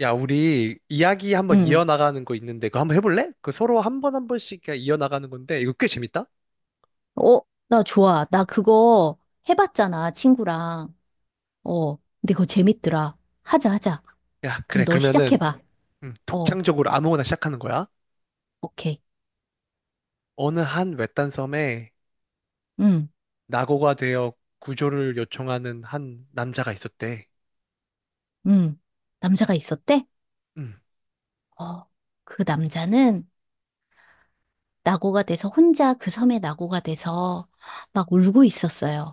야, 우리 이야기 한번 응. 이어나가는 거 있는데 그거 한번 해볼래? 그 서로 한번 한 번씩 그냥 이어나가는 건데 이거 꽤 재밌다? 어, 나 좋아. 나 그거 해봤잖아, 친구랑. 어, 근데 그거 재밌더라. 하자, 하자. 야, 그래. 그럼 너 그러면은 시작해봐. 어, 독창적으로 아무거나 시작하는 거야. 오케이. 어느 한 외딴 섬에 응, 낙오가 되어 구조를 요청하는 한 남자가 있었대. 응. 남자가 있었대? 음, 어, 그 남자는 낙오가 돼서 혼자 그 섬에 낙오가 돼서 막 울고 있었어요.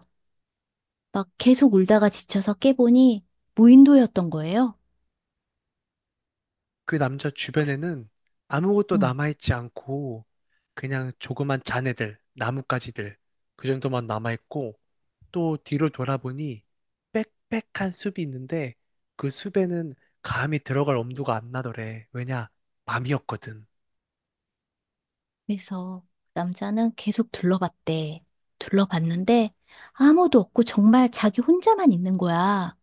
막 계속 울다가 지쳐서 깨보니 무인도였던 거예요. 그 남자 주변에는 아무것도 응. 남아있지 않고 그냥 조그만 잔해들, 나뭇가지들 그 정도만 남아있고 또 뒤로 돌아보니 빽빽한 숲이 있는데 그 숲에는 감히 들어갈 엄두가 안 나더래. 왜냐? 밤이었거든. 그래서 남자는 계속 둘러봤대. 둘러봤는데 아무도 없고 정말 자기 혼자만 있는 거야.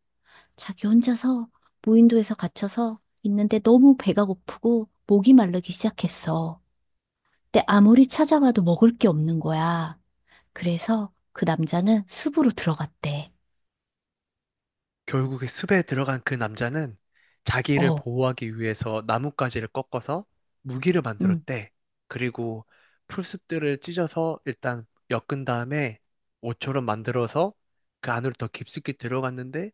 자기 혼자서 무인도에서 갇혀서 있는데 너무 배가 고프고 목이 마르기 시작했어. 근데 아무리 찾아봐도 먹을 게 없는 거야. 그래서 그 남자는 숲으로 들어갔대. 결국에 숲에 들어간 그 남자는 자기를 어, 보호하기 위해서 나뭇가지를 꺾어서 무기를 응, 만들었대. 그리고 풀숲들을 찢어서 일단 엮은 다음에 옷처럼 만들어서 그 안으로 더 깊숙이 들어갔는데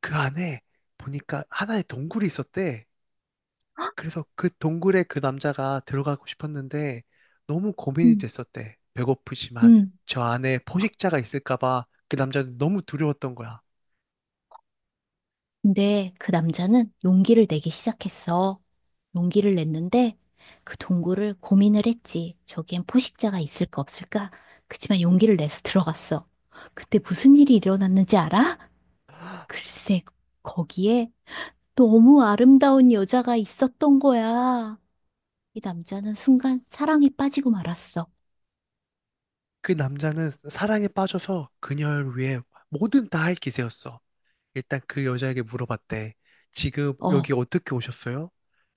그 안에 보니까 하나의 동굴이 있었대. 그래서 그 동굴에 그 남자가 들어가고 싶었는데 너무 고민이 응, 됐었대. 배고프지만 응. 저 안에 포식자가 있을까 봐 그 남자는 너무 두려웠던 거야. 근데 그 남자는 용기를 내기 시작했어. 용기를 냈는데 그 동굴을 고민을 했지. 저기엔 포식자가 있을까 없을까? 그치만 용기를 내서 들어갔어. 그때 무슨 일이 일어났는지 알아? 글쎄, 거기에 너무 아름다운 여자가 있었던 거야. 이 남자는 순간 사랑에 빠지고 말았어. 그 남자는 사랑에 빠져서 그녀를 위해 뭐든 다 할 기세였어. 일단 그 여자에게 물어봤대. 지금 어, 여기 어떻게 오셨어요?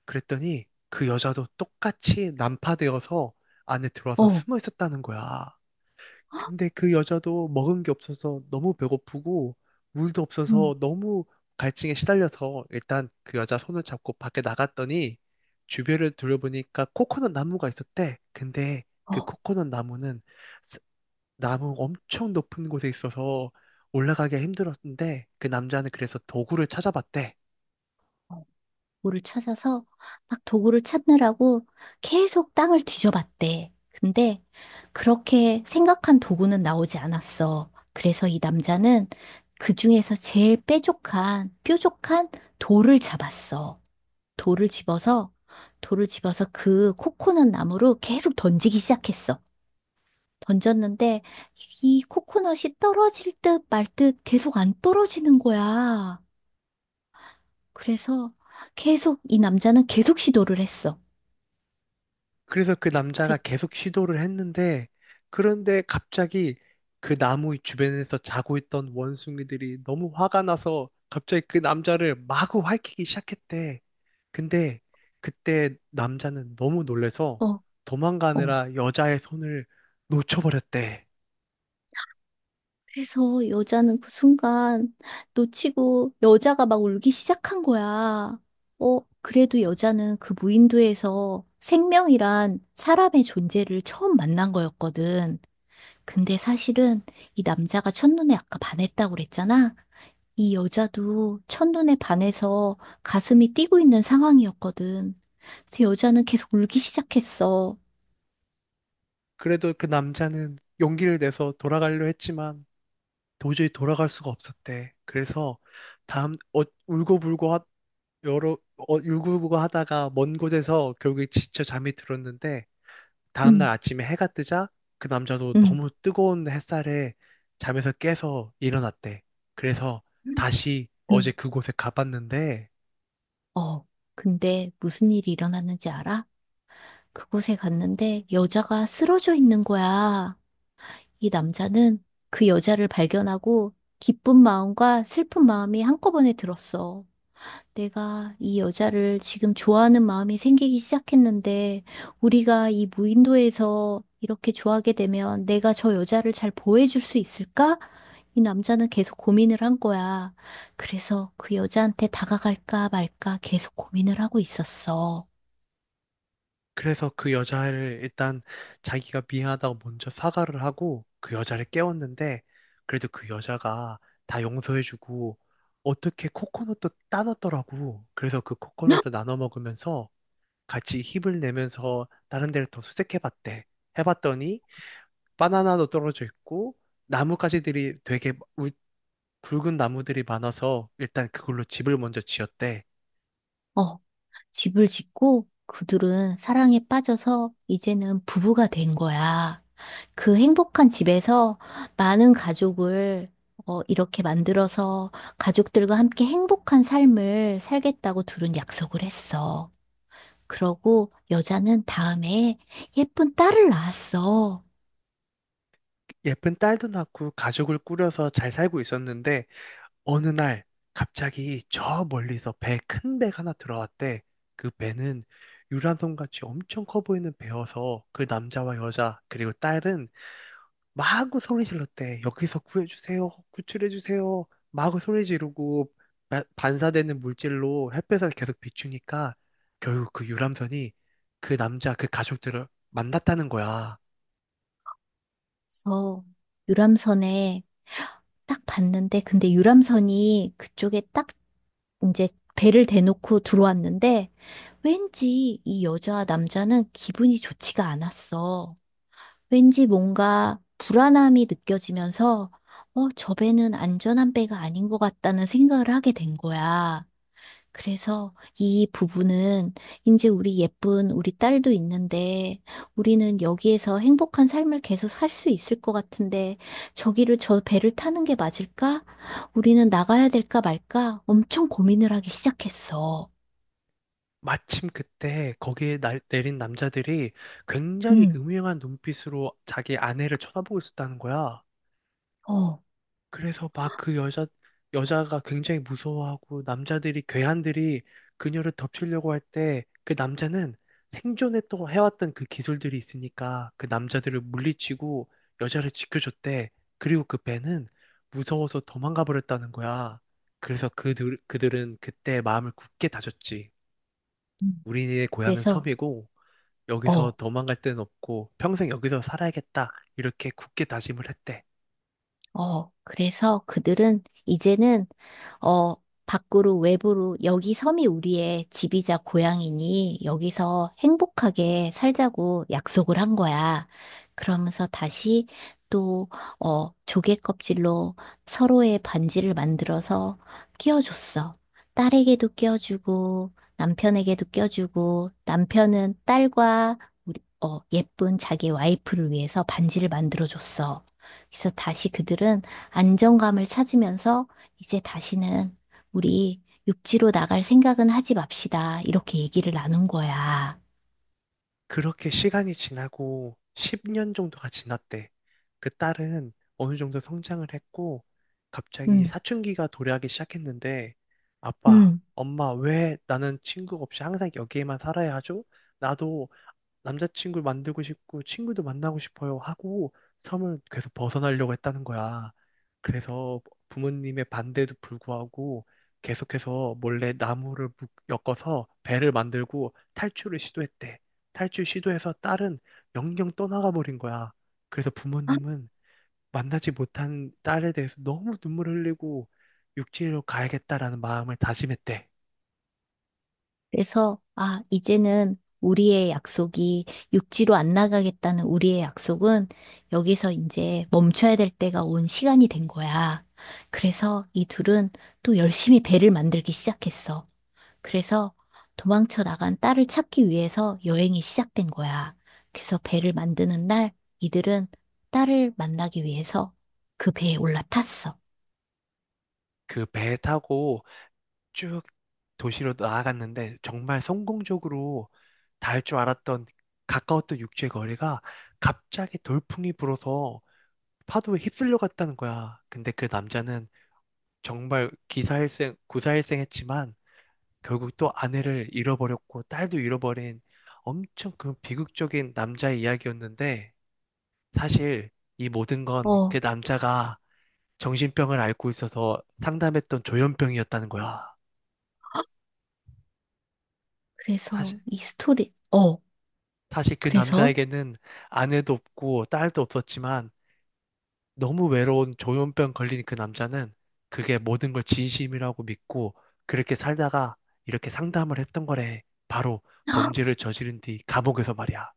그랬더니 그 여자도 똑같이 난파되어서 안에 들어와서 어, 숨어 있었다는 거야. 근데 그 여자도 먹은 게 없어서 너무 배고프고 물도 응, 없어서 너무 갈증에 시달려서 일단 그 여자 손을 잡고 밖에 나갔더니 주변을 둘러보니까 코코넛 나무가 있었대. 근데 그 어. 코코넛 나무는 나무 엄청 높은 곳에 있어서 올라가기가 힘들었는데 그 남자는 그래서 도구를 찾아봤대. 어. 도구를 찾아서 막 도구를 찾느라고 계속 땅을 뒤져봤대. 근데 그렇게 생각한 도구는 나오지 않았어. 그래서 이 남자는 그 중에서 제일 뾰족한 돌을 잡았어. 돌을 집어서, 돌을 집어서 그 코코넛 나무로 계속 던지기 시작했어. 던졌는데 이 코코넛이 떨어질 듯 말듯 계속 안 떨어지는 거야. 그래서 계속 이 남자는 계속 시도를 했어. 그래서 그 남자가 그랬, 계속 시도를 했는데 그런데 갑자기 그 나무 주변에서 자고 있던 원숭이들이 너무 화가 나서 갑자기 그 남자를 마구 핥기 시작했대. 근데 그때 남자는 너무 놀래서 어, 어. 도망가느라 여자의 손을 놓쳐버렸대. 그래서 여자는 그 순간 놓치고 여자가 막 울기 시작한 거야. 어, 그래도 여자는 그 무인도에서 생명이란 사람의 존재를 처음 만난 거였거든. 근데 사실은 이 남자가 첫눈에 아까 반했다고 그랬잖아. 이 여자도 첫눈에 반해서 가슴이 뛰고 있는 상황이었거든. 그래서 여자는 계속 울기 시작했어. 그래도 그 남자는 용기를 내서 돌아가려 했지만 도저히 돌아갈 수가 없었대. 그래서 다음 어, 울고불고 하, 여러 울고불고 하다가 먼 곳에서 결국에 지쳐 잠이 들었는데 응, 다음날 아침에 해가 뜨자 그 남자도 응. 너무 뜨거운 햇살에 잠에서 깨서 일어났대. 그래서 다시 어제 응. 그곳에 가봤는데, 어, 근데 무슨 일이 일어났는지 알아? 그곳에 갔는데 여자가 쓰러져 있는 거야. 이 남자는 그 여자를 발견하고 기쁜 마음과 슬픈 마음이 한꺼번에 들었어. 내가 이 여자를 지금 좋아하는 마음이 생기기 시작했는데 우리가 이 무인도에서 이렇게 좋아하게 되면 내가 저 여자를 잘 보호해줄 수 있을까? 이 남자는 계속 고민을 한 거야. 그래서 그 여자한테 다가갈까 말까 계속 고민을 하고 있었어. 그래서 그 여자를 일단 자기가 미안하다고 먼저 사과를 하고 그 여자를 깨웠는데, 그래도 그 여자가 다 용서해주고 어떻게 코코넛도 따놨더라고. 그래서 그 코코넛을 나눠 먹으면서 같이 힘을 내면서 다른 데를 더 수색해봤대. 해봤더니 바나나도 떨어져 있고 나뭇가지들이 되게 우- 굵은 나무들이 많아서 일단 그걸로 집을 먼저 지었대. 어, 집을 짓고 그들은 사랑에 빠져서 이제는 부부가 된 거야. 그 행복한 집에서 많은 가족을 어, 이렇게 만들어서 가족들과 함께 행복한 삶을 살겠다고 둘은 약속을 했어. 그러고 여자는 다음에 예쁜 딸을 낳았어. 예쁜 딸도 낳고 가족을 꾸려서 잘 살고 있었는데 어느 날 갑자기 저 멀리서 배 큰 배가 하나 들어왔대. 그 배는 유람선같이 엄청 커 보이는 배여서 그 남자와 여자 그리고 딸은 마구 소리 질렀대. 여기서 구해주세요. 구출해주세요. 마구 소리 지르고 반사되는 물질로 햇볕을 계속 비추니까 결국 그 유람선이 그 남자 그 가족들을 만났다는 거야. 그래서 유람선에 딱 봤는데, 근데 유람선이 그쪽에 딱 이제 배를 대놓고 들어왔는데 왠지 이 여자와 남자는 기분이 좋지가 않았어. 왠지 뭔가 불안함이 느껴지면서 어, 저 배는 안전한 배가 아닌 것 같다는 생각을 하게 된 거야. 그래서 이 부부는 이제 우리 예쁜 우리 딸도 있는데 우리는 여기에서 행복한 삶을 계속 살 수 있을 것 같은데 저기를 저 배를 타는 게 맞을까? 우리는 나가야 될까 말까? 엄청 고민을 하기 시작했어. 마침 그때 거기에 내린 남자들이 굉장히 응, 음흉한 눈빛으로 자기 아내를 쳐다보고 있었다는 거야. 어. 그래서 여자가 굉장히 무서워하고 괴한들이 그녀를 덮치려고 할 때 그 남자는 해왔던 그 기술들이 있으니까 그 남자들을 물리치고 여자를 지켜줬대. 그리고 그 배는 무서워서 도망가 버렸다는 거야. 그래서 그들은 그때 마음을 굳게 다졌지. 음. 우리의 고향은 그래서 섬이고, 여기서 어. 도망갈 데는 없고 평생 여기서 살아야겠다. 이렇게 굳게 다짐을 했대. 어, 그래서 그들은 이제는, 어, 밖으로, 외부로, 여기 섬이 우리의 집이자 고향이니 여기서 행복하게 살자고 약속을 한 거야. 그러면서 다시 또, 어, 조개 껍질로 서로의 반지를 만들어서 끼워줬어. 딸에게도 끼워주고, 남편에게도 끼워주고, 남편은 딸과 우리- 어, 예쁜 자기 와이프를 위해서 반지를 만들어줬어. 그래서 다시 그들은 안정감을 찾으면서 이제 다시는 우리 육지로 나갈 생각은 하지 맙시다. 이렇게 얘기를 나눈 거야. 그렇게 시간이 지나고 10년 정도가 지났대. 그 딸은 어느 정도 성장을 했고 갑자기 음, 사춘기가 도래하기 시작했는데 아빠, 음, 엄마 왜 나는 친구 없이 항상 여기에만 살아야 하죠? 나도 남자친구를 만들고 싶고 친구도 만나고 싶어요 하고 섬을 계속 벗어나려고 했다는 거야. 그래서 부모님의 반대도 불구하고 계속해서 몰래 엮어서 배를 만들고 탈출을 시도했대. 탈출 시도해서 딸은 영영 떠나가 버린 거야. 그래서 부모님은 만나지 못한 딸에 대해서 너무 눈물 흘리고 육지로 가야겠다라는 마음을 다짐했대. 그래서, 아, 이제는 우리의 약속이 육지로 안 나가겠다는 우리의 약속은 여기서 이제 멈춰야 될 때가 온 시간이 된 거야. 그래서 이 둘은 또 열심히 배를 만들기 시작했어. 그래서 도망쳐 나간 딸을 찾기 위해서 여행이 시작된 거야. 그래서 배를 만드는 날 이들은 딸을 만나기 위해서 그 배에 올라탔어. 그 배 타고 쭉 도시로 나아갔는데 정말 성공적으로 닿을 줄 알았던 가까웠던 육지의 거리가 갑자기 돌풍이 불어서 파도에 휩쓸려 갔다는 거야. 근데 그 남자는 정말 기사일생, 구사일생했지만 결국 또 아내를 잃어버렸고 딸도 잃어버린 엄청 그 비극적인 남자의 이야기였는데 사실 이 모든 건 그 어. 남자가 정신병을 앓고 있어서 상담했던 조현병이었다는 거야. 그래서 사실, 이 스토리, 어. 사실 그 그래서 남자에게는 아내도 없고 딸도 없었지만 너무 외로운 조현병 걸린 그 남자는 그게 모든 걸 진심이라고 믿고 그렇게 살다가 이렇게 상담을 했던 거래. 바로 범죄를 저지른 뒤 감옥에서 말이야.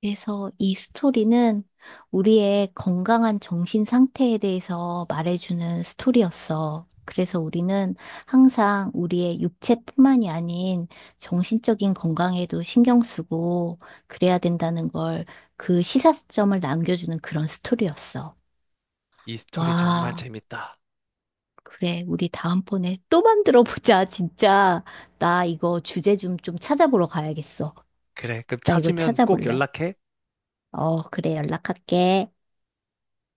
그래서 이 스토리는 우리의 건강한 정신 상태에 대해서 말해주는 스토리였어. 그래서 우리는 항상 우리의 육체뿐만이 아닌 정신적인 건강에도 신경 쓰고 그래야 된다는 걸 그 시사점을 남겨주는 그런 스토리였어. 이 스토리 정말 와, 재밌다. 그래. 우리 다음번에 또 만들어 보자, 진짜. 나 이거 주제 좀, 찾아보러 가야겠어. 그래, 그럼 나 이거 찾으면 꼭 찾아볼래. 연락해. 어, 그래. 연락할게.